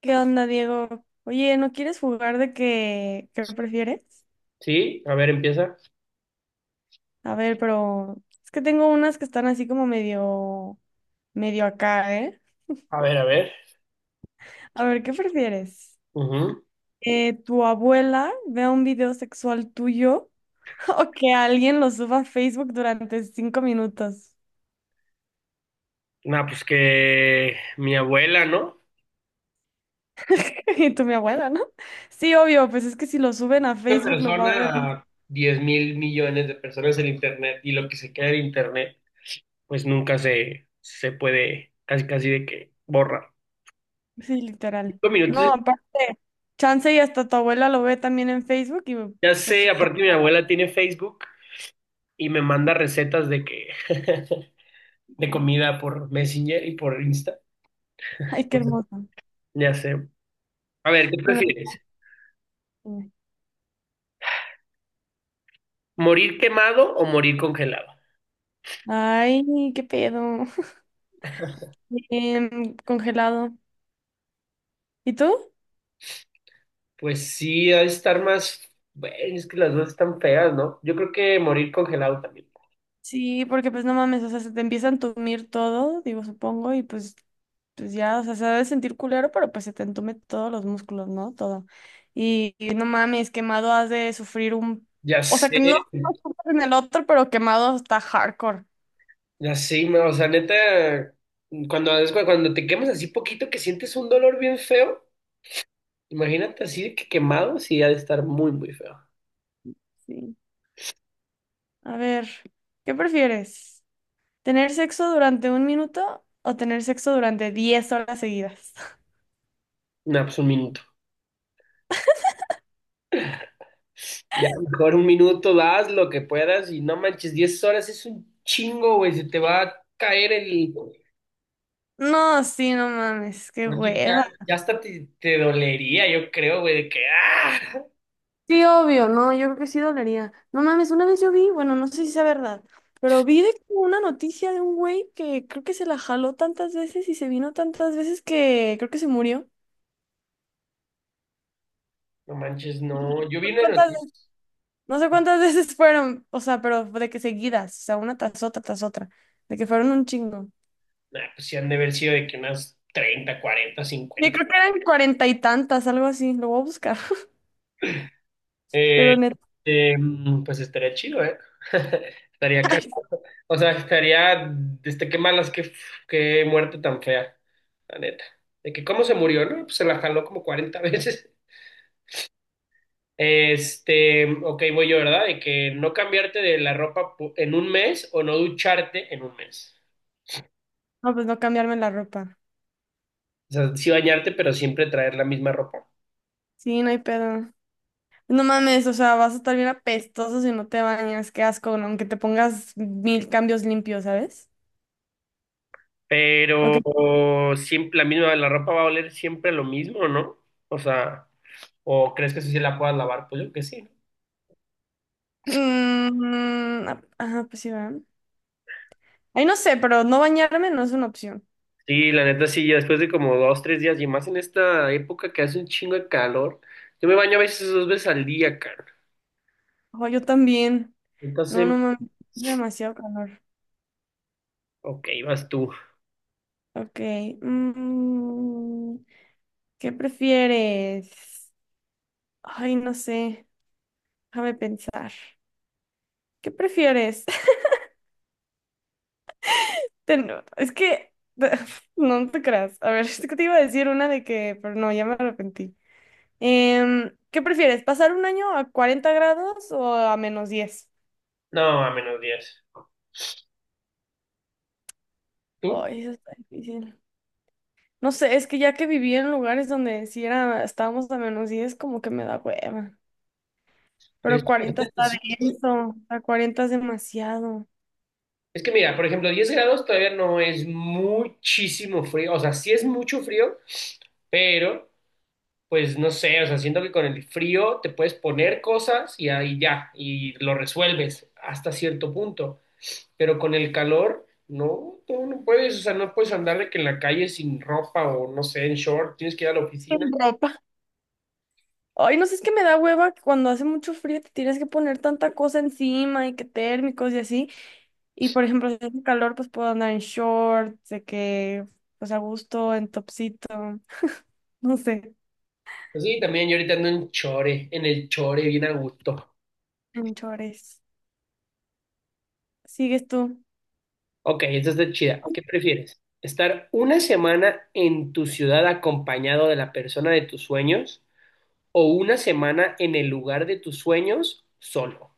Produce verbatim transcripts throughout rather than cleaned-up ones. ¿Qué onda, Diego? Oye, ¿no quieres jugar de qué qué prefieres? Sí, a ver, empieza. A ver, pero es que tengo unas que están así como medio, medio acá, ¿eh? A ver, a ver. A ver, ¿qué prefieres? Ujú. Eh, ¿tu abuela vea un video sexual tuyo o que alguien lo suba a Facebook durante cinco minutos? Nah, pues que mi abuela, ¿no? Y tú, mi abuela, ¿no? Sí, obvio, pues es que si lo suben a Una Facebook lo va a ver, persona, diez mil millones de personas en Internet y lo que se queda en Internet, pues nunca se, se puede casi casi de que borra. sí, literal. Cinco No, minutos, aparte, chance y hasta tu abuela lo ve también en Facebook y ya sé, pues aparte mi abuela tiene Facebook y me manda recetas de que de comida por Messenger y por Insta. ay, qué Entonces, hermoso. ya sé. A ver, ¿qué Bueno, prefieres? sí. ¿Morir quemado o morir congelado? Ay, qué pedo. Em, congelado. ¿Y tú? Pues sí, ha de estar más. Bueno, es que las dos están feas, ¿no? Yo creo que morir congelado también. Sí, porque pues no mames, o sea, se te empieza a entumir todo, digo, supongo, y pues, pues ya, o sea, se debe sentir culero, pero pues se te entume todos los músculos, ¿no? Todo. Y, y no mames, quemado has de sufrir un... Ya O sea, sé, que no, no sufres en el otro, pero quemado está hardcore. ya sé, ma, o sea, neta, cuando, es cu- cuando te quemas así poquito que sientes un dolor bien feo, imagínate así de que quemado, sí, ha de estar muy, muy feo. Sí. A ver, ¿qué prefieres? ¿Tener sexo durante un minuto o tener sexo durante diez horas seguidas? No, pues un minuto. Ya, mejor un minuto, das lo que puedas y no manches. Diez horas es un chingo, güey, se te va a caer el. Oye, No, sí, no mames, qué ya, hueva. ya hasta te, te dolería, yo creo, güey, de que ¡ah! Sí, obvio, no, yo creo que sí dolería. No mames, una vez yo vi, bueno, no sé si sea verdad, pero vi de que una noticia de un güey que creo que se la jaló tantas veces y se vino tantas veces que creo que se murió. No manches, no. No Yo vi sé una cuántas ve- noticia. no sé cuántas veces fueron, o sea, pero de que seguidas, o sea, una tras otra, tras otra, de que fueron un chingo. Nah, pues sí han de haber sido de que unas treinta, cuarenta, Yo cincuenta. creo que eran cuarenta y tantas, algo así, lo voy a buscar. Pero Eh, neta, em, pues estaría chido, ¿eh? Estaría cagado. O sea, estaría. Este, qué malas, qué, qué muerte tan fea. La neta. De que cómo se murió, ¿no? Pues se la jaló como cuarenta veces. Este, ok, voy yo, ¿verdad? De que no cambiarte de la ropa pu- en un mes o no ducharte en un mes. no, pues no cambiarme la ropa. O sea, sí bañarte, pero siempre traer la misma ropa. Sí, no hay pedo. No mames, o sea, vas a estar bien apestoso si no te bañas, qué asco, ¿no? Aunque te pongas mil cambios limpios, ¿sabes? Ok. Pero siempre la misma, la ropa va a oler siempre lo mismo, ¿no? O sea, ¿o crees que eso sí la puedas lavar? Pues yo creo que sí, ¿no? Mm, ah, ajá, pues sí, ¿verdad? Ay, no sé, pero no bañarme no es una opción. Sí, la neta sí, ya después de como dos, tres días y más en esta época que hace un chingo de calor, yo me baño a veces dos veces al día, cara. Ojo, yo también. Entonces, No, no mames, es demasiado calor. ok, vas tú. Ok. mm, ¿qué prefieres? Ay, no sé, déjame pensar. ¿Qué prefieres? Te Ten- Es que, no te creas. A ver, es que te iba a decir una de que, pero no, ya me arrepentí. Em, ¿qué prefieres? ¿Pasar un año a cuarenta grados o a menos diez? No, a menos diez. ¿Tú? Ay, eso está difícil. No sé, es que ya que viví en lugares donde si era, estábamos a menos diez como que me da hueva. ¿Eres Pero tú? cuarenta Imagínate, está sí, güey. denso, a cuarenta es demasiado. Es que mira, por ejemplo, diez grados todavía no es muchísimo frío, o sea, sí es mucho frío, pero pues no sé, o sea, siento que con el frío te puedes poner cosas y ahí ya, y lo resuelves hasta cierto punto, pero con el calor, no, tú no puedes, o sea, no puedes andar de que en la calle sin ropa o no sé, en short, tienes que ir a la Sin oficina. ropa. Ay, no sé, es que me da hueva que cuando hace mucho frío te tienes que poner tanta cosa encima y que térmicos y así. Y por ejemplo, si hace calor, pues puedo andar en shorts, de que, pues a gusto, en topsito, no sé, Pues sí, también yo ahorita ando en chore, en el chore, bien a gusto. en chores. Sigues tú. Ok, esta está chida. ¿Qué prefieres? ¿Estar una semana en tu ciudad acompañado de la persona de tus sueños o una semana en el lugar de tus sueños solo?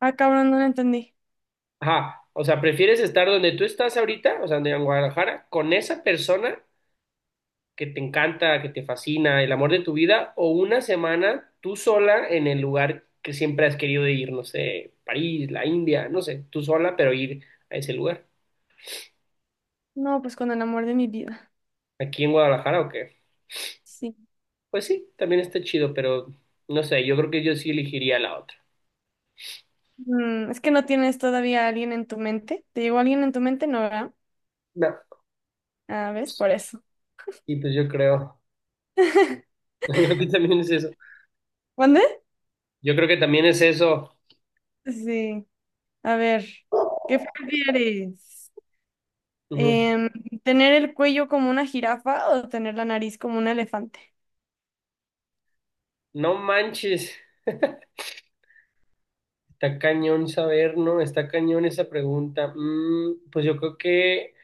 Ah, cabrón, no lo entendí. Ajá, o sea, prefieres estar donde tú estás ahorita, o sea, en Guadalajara, con esa persona que te encanta, que te fascina, el amor de tu vida, o una semana tú sola en el lugar que siempre has querido ir, no sé, París, la India, no sé, tú sola, pero ir a ese lugar. No, pues con el amor de mi vida. ¿Aquí en Guadalajara o qué? Sí. Pues sí, también está chido, pero no sé, yo creo que yo sí elegiría la otra. Mm, es que no tienes todavía a alguien en tu mente. ¿Te llegó alguien en tu mente? No, ¿verdad? No, Ah, ¿ves? pues, Por eso. y pues yo creo, yo creo que también es eso. ¿Cuándo? Yo creo que también es eso. Sí. A ver, ¿qué prefieres? Ujú. Em, ¿tener el cuello como una jirafa o tener la nariz como un elefante? No manches. Está cañón saber, ¿no? Está cañón esa pregunta. Mm, pues yo creo que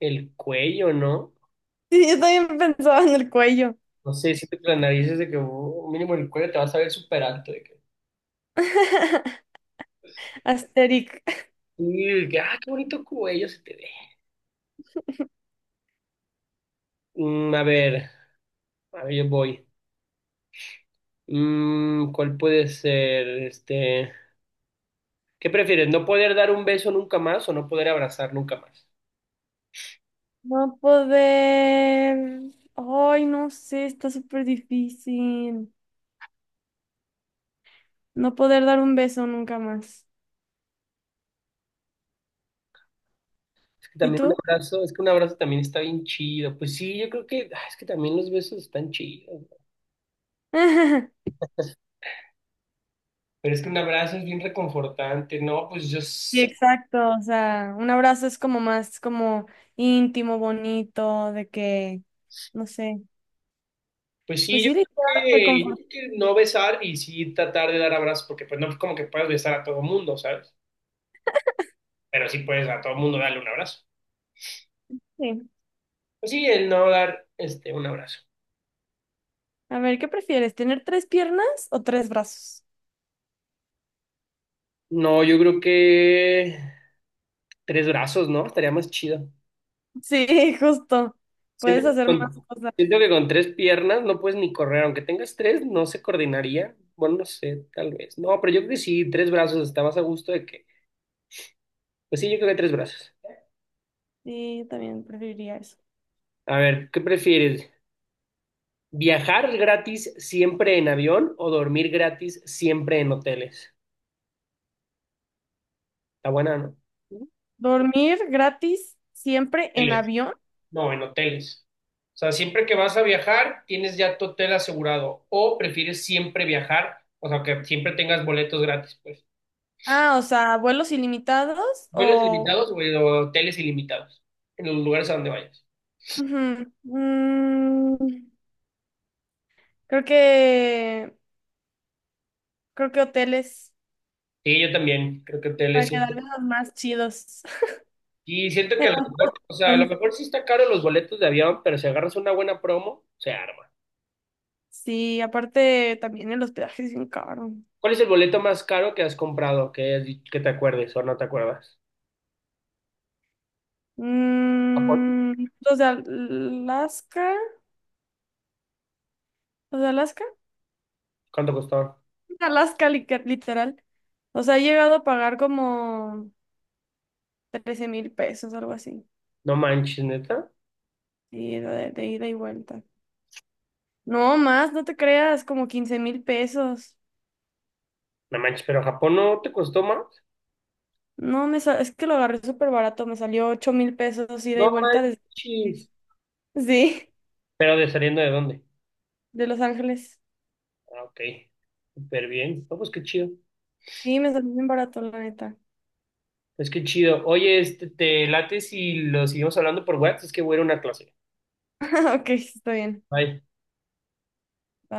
el cuello, ¿no? Sí, yo también pensaba en el cuello. No sé, siento que la nariz es de que oh, mínimo el cuello te vas a ver súper alto. De que, Asterix. "Uy, que, ah, qué bonito cuello se te ve." Mm, a ver, a ver, yo voy. Mm, ¿cuál puede ser? Este, ¿qué prefieres? ¿No poder dar un beso nunca más o no poder abrazar nunca más? No poder. Ay, no sé, está súper difícil. No poder dar un beso nunca más. Es que ¿Y también un tú? abrazo, es que un abrazo también está bien chido. Pues sí, yo creo que, ah, es que también los besos están chidos. Pero es que un abrazo es bien reconfortante, ¿no? Pues yo, Sí, s- exacto. O sea, un abrazo es como más como íntimo, bonito, de que, no sé. pues sí, Pues yo sí, creo claro, que, yo reconfortante. creo que no besar y sí tratar de dar abrazos, porque pues no es como que puedas besar a todo mundo, ¿sabes? Pero sí puedes a todo mundo darle un abrazo. Pues sí, el no dar, este, un abrazo. A ver, ¿qué prefieres? ¿Tener tres piernas o tres brazos? No, yo creo que tres brazos, ¿no? Estaría más chido. Sí, justo. Siento Puedes que hacer más con, cosas. siento que con tres piernas no puedes ni correr, aunque tengas tres, no se coordinaría. Bueno, no sé, tal vez. No, pero yo creo que sí, tres brazos está más a gusto de que, pues sí, yo creo que tres brazos. Sí, yo también preferiría eso. A ver, ¿qué prefieres? ¿Viajar gratis siempre en avión o dormir gratis siempre en hoteles? Está buena, ¿no? ¿Dormir gratis siempre en Hoteles. avión? No, en hoteles. O sea, siempre que vas a viajar, tienes ya tu hotel asegurado. O prefieres siempre viajar, o sea, que siempre tengas boletos gratis, pues. Ah, o sea, vuelos ilimitados ¿Vuelos o... limitados o hoteles ilimitados? En los lugares a donde vayas. Ujú. Mm, Creo que, creo que hoteles Sí, yo también creo que hoteles para siempre. quedarme los más chidos. Y siento que a lo mejor, o sea, a lo Entonces, mejor sí está caro los boletos de avión, pero si agarras una buena promo, se arma. sí, aparte también el hospedaje es bien caro. ¿Cuál es el boleto más caro que has comprado? Que, hayas di- que te acuerdes o no te acuerdas. Japón. Mm, los de Alaska, los de Alaska, ¿Cuánto costó? Alaska li- literal. O sea, he llegado a pagar como trece mil pesos, algo así. No manches, neta. Y de, de ida y vuelta. No más, no te creas, como quince mil pesos. No manches, pero Japón no te costó más. No, me sa- es que lo agarré súper barato, me salió ocho mil pesos ida y No vuelta desde... manches. Sí. Pero de saliendo de dónde. De Los Ángeles. Ah, ok. Súper bien. No, pues qué chido. Sí, me salió bien barato, la neta. Pues qué chido. Oye, este, te late si lo seguimos hablando por WhatsApp, es que voy a ir a una clase. Ok, está bien. Bye. Bye.